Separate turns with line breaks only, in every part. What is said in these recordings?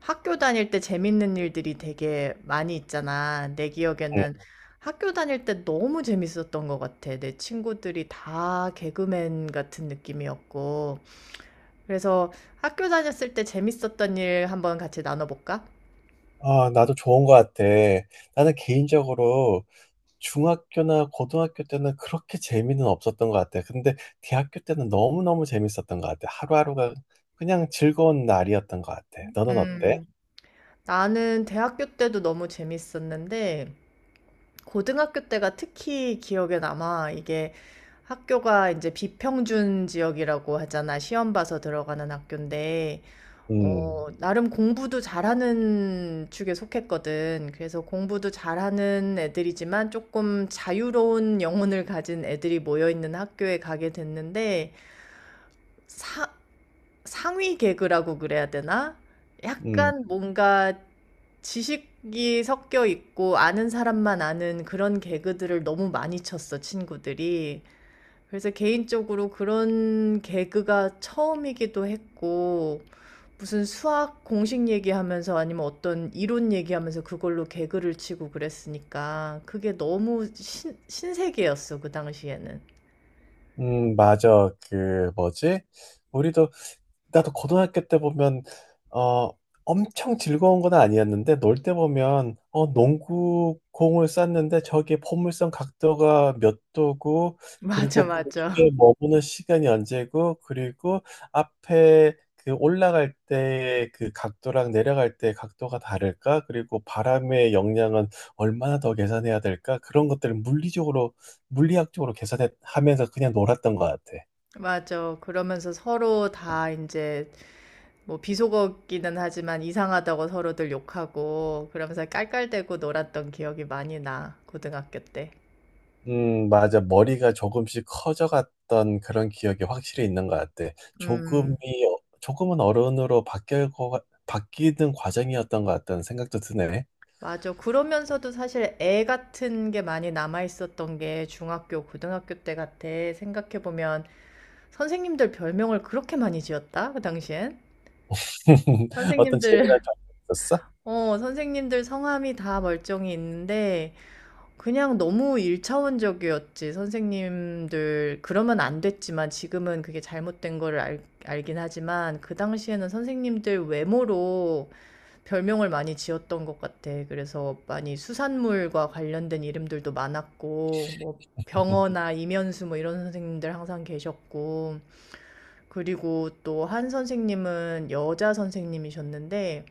학교 다닐 때 재밌는 일들이 되게 많이 있잖아. 내 기억에는 학교 다닐 때 너무 재밌었던 것 같아. 내 친구들이 다 개그맨 같은 느낌이었고. 그래서 학교 다녔을 때 재밌었던 일 한번 같이 나눠볼까?
아, 나도 좋은 것 같아. 나는 개인적으로 중학교나 고등학교 때는 그렇게 재미는 없었던 것 같아. 근데 대학교 때는 너무너무 재밌었던 것 같아. 하루하루가 그냥 즐거운 날이었던 것 같아. 너는 어때?
음, 나는 대학교 때도 너무 재밌었는데, 고등학교 때가 특히 기억에 남아. 이게 학교가 이제 비평준 지역이라고 하잖아. 시험 봐서 들어가는 학교인데.
음,
나름 공부도 잘하는 축에 속했거든. 그래서 공부도 잘하는 애들이지만 조금 자유로운 영혼을 가진 애들이 모여 있는 학교에 가게 됐는데 사, 상위 개그라고 그래야 되나?
음,
약간 뭔가 지식이 섞여 있고 아는 사람만 아는 그런 개그들을 너무 많이 쳤어, 친구들이. 그래서 개인적으로 그런 개그가 처음이기도 했고, 무슨 수학 공식 얘기하면서 아니면 어떤 이론 얘기하면서 그걸로 개그를 치고 그랬으니까 그게 너무 신세계였어, 그 당시에는.
맞아. 뭐지? 우리도 나도 고등학교 때 보면, 어, 엄청 즐거운 건 아니었는데, 놀 때 보면, 농구 공을 쐈는데, 저게 포물선 각도가 몇 도고,
맞아,
그리고
맞아.
공중에 머무는 시간이 언제고, 그리고 앞에 그 올라갈 때 그 각도랑 내려갈 때 각도가 다를까? 그리고 바람의 영향은 얼마나 더 계산해야 될까? 그런 것들을 물리적으로, 물리학적으로 계산하면서 그냥 놀았던 것 같아.
맞아. 그러면서 서로 다 이제 뭐 비속어기는 하지만 이상하다고 서로들 욕하고 그러면서 깔깔대고 놀았던 기억이 많이 나, 고등학교 때.
맞아. 머리가 조금씩 커져갔던 그런 기억이 확실히 있는 것 같아.
음.
조금은 어른으로 바뀌는 과정이었던 것 같다는 생각도 드네.
맞아. 그러면서도 사실 애 같은 게 많이 남아 있었던 게 중학교, 고등학교 때 같아. 생각해 보면 선생님들 별명을 그렇게 많이 지었다, 그 당시엔.
어떤
선생님들,
재미난 점이 있었어?
어, 선생님들 성함이 다 멀쩡히 있는데 그냥 너무 일차원적이었지. 선생님들 그러면 안 됐지만 지금은 그게 잘못된 거를 알긴 하지만 그 당시에는 선생님들 외모로 별명을 많이 지었던 것 같아. 그래서 많이 수산물과 관련된 이름들도 많았고, 뭐 병어나 이면수 뭐 이런 선생님들 항상 계셨고, 그리고 또 한 선생님은 여자 선생님이셨는데,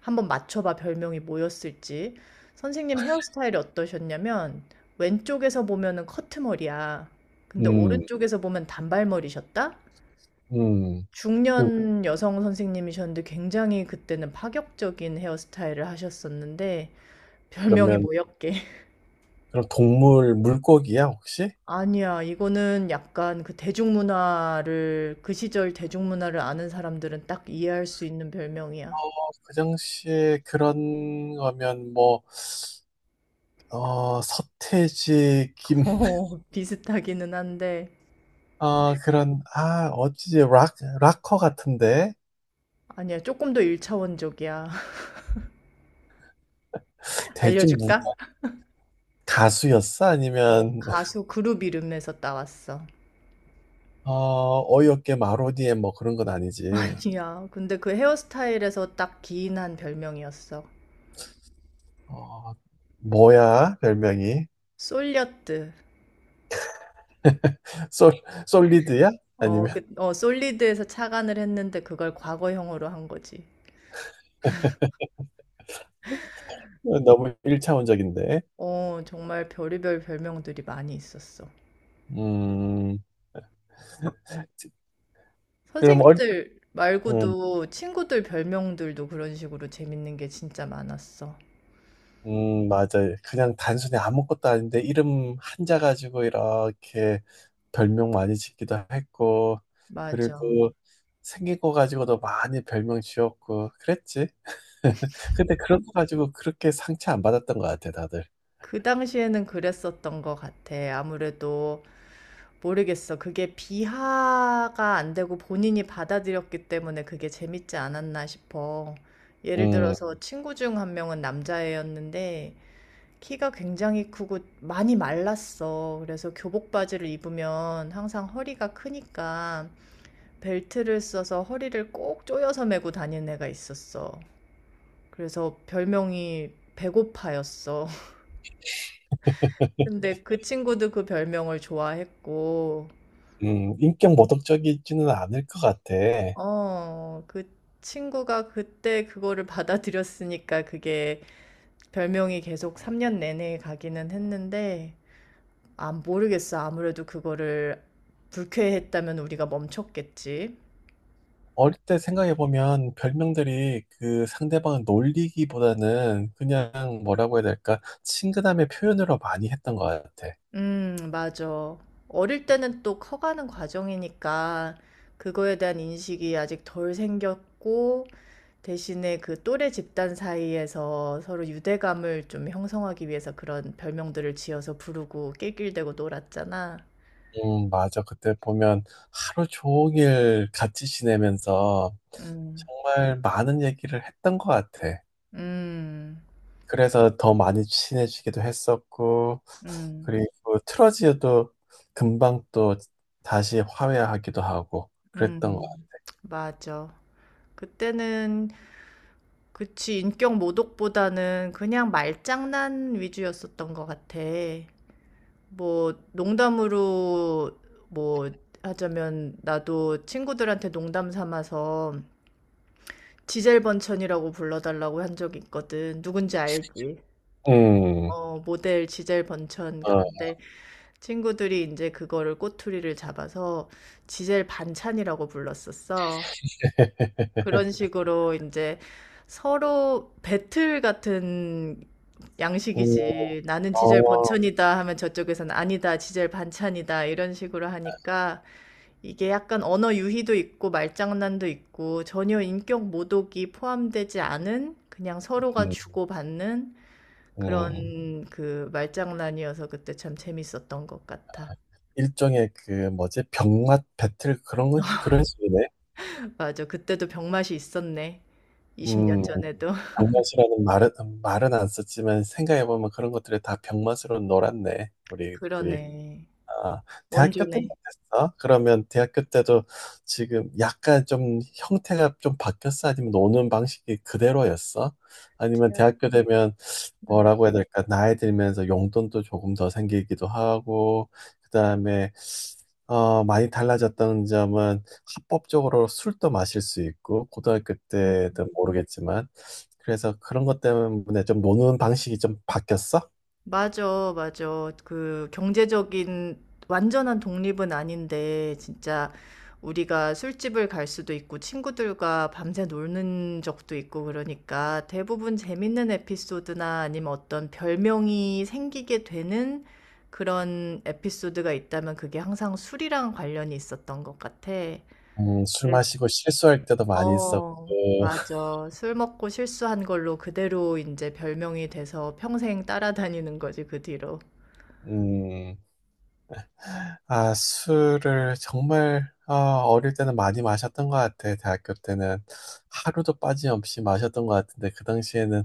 한번 맞춰봐 별명이 뭐였을지. 선생님 헤어스타일이 어떠셨냐면, 왼쪽에서 보면은 커트머리야. 근데
음,
오른쪽에서 보면 단발머리셨다?
음. 그,
중년 여성 선생님이셨는데 굉장히 그때는 파격적인 헤어스타일을 하셨었는데 별명이
그러면,
뭐였게?
그럼 동물, 물고기야, 혹시?
아니야, 이거는 약간 그 대중문화를, 그 시절 대중문화를 아는 사람들은 딱 이해할 수 있는 별명이야.
어, 그 당시에 그런 거면 뭐, 서태지, 김,
어, 비슷하기는 한데
아, 그런, 아, 어찌지, 락커 같은데?
아니야, 조금 더 일차원적이야.
대충 뭐
알려줄까?
가수였어?
어,
아니면,
가수 그룹 이름에서 따왔어.
어이없게 마로디엠 뭐 그런 건 아니지.
아니야, 근데 그 헤어스타일에서 딱 기인한 별명이었어.
어, 뭐야, 별명이?
솔려뜨.
솔, 솔리드야? 아니면,
솔리드에서 착안을 했는데 그걸 과거형으로 한 거지.
너무 일차원적인데.
어, 정말 별의별 별명들이 많이 있었어.
음, 그럼
선생님들
어
말고도 친구들 별명들도 그런 식으로 재밌는 게 진짜 많았어.
맞아요. 그냥 단순히 아무것도 아닌데 이름 한자 가지고 이렇게 별명 많이 짓기도 했고,
맞아.
그리고 생긴 거 가지고도 많이 별명 지었고, 그랬지. 근데 그런 거 가지고 그렇게 상처 안 받았던 것 같아, 다들.
그 당시에는 그랬었던 것 같아. 아무래도 모르겠어. 그게 비하가 안 되고 본인이 받아들였기 때문에 그게 재밌지 않았나 싶어. 예를
음,
들어서 친구 중 한 명은 남자애였는데 키가 굉장히 크고 많이 말랐어. 그래서 교복 바지를 입으면 항상 허리가 크니까 벨트를 써서 허리를 꼭 조여서 메고 다니는 애가 있었어. 그래서 별명이 배고파였어. 근데 그 친구도 그 별명을 좋아했고,
인격 모독적이지는 않을 것 같아.
어, 그 친구가 그때 그거를 받아들였으니까 그게 별명이 계속 3년 내내 가기는 했는데, 아, 모르겠어. 아무래도 그거를 불쾌했다면 우리가 멈췄겠지.
어릴 때 생각해보면 별명들이 그 상대방을 놀리기보다는 그냥 뭐라고 해야 될까, 친근함의 표현으로 많이 했던 것 같아.
맞아. 어릴 때는 또 커가는 과정이니까 그거에 대한 인식이 아직 덜 생겼고, 대신에 그 또래 집단 사이에서 서로 유대감을 좀 형성하기 위해서 그런 별명들을 지어서 부르고 낄낄대고 놀았잖아.
맞아. 그때 보면 하루 종일 같이 지내면서
음,
정말 많은 얘기를 했던 것 같아.
음,
그래서 더 많이 친해지기도 했었고,
음,
그리고 틀어지어도 금방 또 다시 화해하기도 하고
음,
그랬던 것
음. 맞아. 그때는 그치, 인격 모독보다는 그냥 말장난 위주였었던 것 같아. 뭐, 농담으로, 뭐, 하자면, 나도 친구들한테 농담 삼아서 지젤 번천이라고 불러달라고 한 적이 있거든. 누군지 알지?
같아.
어, 모델 지젤 번천.
어,
그런데 친구들이 이제 그거를 꼬투리를 잡아서 지젤 반찬이라고 불렀었어. 그런 식으로 이제 서로 배틀 같은
음,
양식이지. 나는 지젤
어,
번천이다 하면 저쪽에서는 아니다, 지젤 반찬이다 이런 식으로 하니까 이게 약간 언어 유희도 있고 말장난도 있고 전혀 인격 모독이 포함되지 않은 그냥 서로가
음,
주고받는
음.
그런 그 말장난이어서 그때 참 재밌었던 것 같아.
일종의 그 뭐지? 병맛 배틀 그런 건 그런 식이네.
맞아. 그때도 병맛이 있었네. 20년
음.
전에도.
병맛이라는 말은 안 썼지만 생각해 보면 그런 것들이 다 병맛으로 놀았네. 우리들이.
그러네.
아, 대학교 때는
원조네.
어땠어? 그러면 대학교 때도 지금 약간 좀 형태가 좀 바뀌었어? 아니면 노는 방식이 그대로였어? 아니면 대학교 되면
음,
뭐라고 해야 될까? 나이 들면서 용돈도 조금 더 생기기도 하고, 그다음에 많이 달라졌다는 점은 합법적으로 술도 마실 수 있고, 고등학교
음.
때든 모르겠지만, 그래서 그런 것 때문에 좀 노는 방식이 좀 바뀌었어?
맞아, 맞아. 그 경제적인 완전한 독립은 아닌데, 진짜 우리가 술집을 갈 수도 있고, 친구들과 밤새 노는 적도 있고, 그러니까 대부분 재밌는 에피소드나 아니면 어떤 별명이 생기게 되는 그런 에피소드가 있다면 그게 항상 술이랑 관련이 있었던 것 같아.
술 마시고 실수할 때도 많이 있었고,
어, 맞아. 술 먹고 실수한 걸로 그대로 이제 별명이 돼서 평생 따라다니는 거지, 그 뒤로.
음, 아, 술을 정말 어릴 때는 많이 마셨던 것 같아. 대학교 때는 하루도 빠짐없이 마셨던 것 같은데 그 당시에는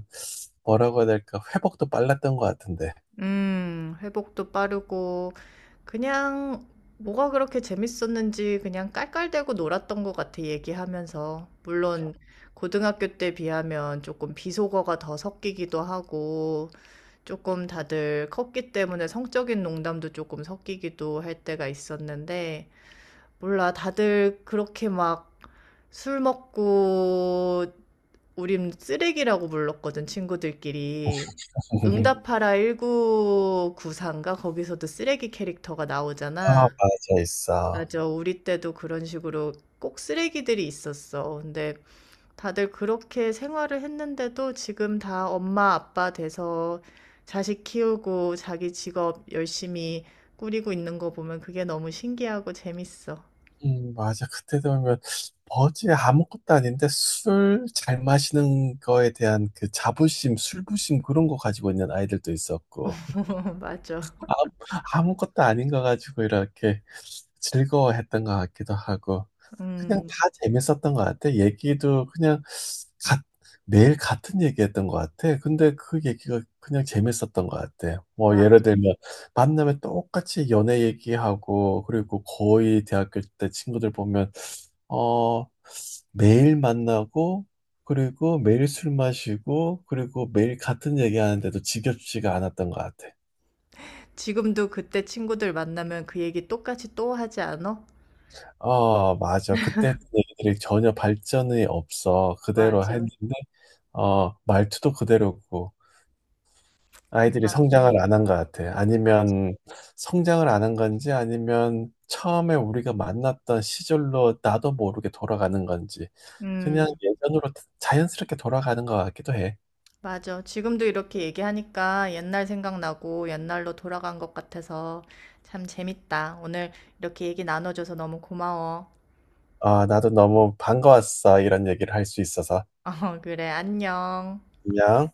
뭐라고 해야 될까? 회복도 빨랐던 것 같은데.
회복도 빠르고, 그냥 뭐가 그렇게 재밌었는지 그냥 깔깔대고 놀았던 것 같아, 얘기하면서. 물론, 고등학교 때 비하면 조금 비속어가 더 섞이기도 하고, 조금 다들 컸기 때문에 성적인 농담도 조금 섞이기도 할 때가 있었는데, 몰라, 다들 그렇게 막 술 먹고 우린 쓰레기라고 불렀거든, 친구들끼리. 음. 응답하라 1994인가? 거기서도 쓰레기 캐릭터가
아,
나오잖아.
맞아 있어.
맞아, 우리 때도 그런 식으로 꼭 쓰레기들이 있었어. 근데 다들 그렇게 생활을 했는데도 지금 다 엄마, 아빠 돼서 자식 키우고 자기 직업 열심히 꾸리고 있는 거 보면 그게 너무 신기하고 재밌어.
맞아. 그때 되면 뭐지? 아무것도 아닌데 술 잘 마시는 거에 대한 그 자부심, 술부심 그런 거 가지고 있는 아이들도 있었고.
맞아.
아무것도 아닌 거 가지고 이렇게 즐거워했던 것 같기도 하고 그냥
음,
다 재밌었던 것 같아. 얘기도 그냥 가- 매일 같은 얘기했던 것 같아. 근데 그 얘기가 그냥 재밌었던 것 같아. 뭐
맞아.
예를 들면 만나면 똑같이 연애 얘기하고 그리고 거의 대학교 때 친구들 보면 어 매일 만나고 그리고 매일 술 마시고 그리고 매일 같은 얘기하는데도 지겹지가 않았던 것 같아.
지금도 그때 친구들 만나면 그 얘기 똑같이 또 하지 않아?
어, 맞아. 그때 했던 얘기들이 전혀 발전이 없어. 그대로
맞아.
했는데, 말투도 그대로고, 아이들이
그냥,
성장을 안 한 것 같아.
맞아.
아니면 성장을 안 한 건지, 아니면 처음에 우리가 만났던 시절로 나도 모르게 돌아가는 건지, 그냥
음,
예전으로 자연스럽게 돌아가는 것 같기도 해.
맞아. 지금도 이렇게 얘기하니까 옛날 생각나고 옛날로 돌아간 것 같아서 참 재밌다. 오늘 이렇게 얘기 나눠줘서 너무 고마워.
아, 나도 너무 반가웠어. 이런 얘기를 할 수 있어서.
어, 그래. 안녕.
안녕.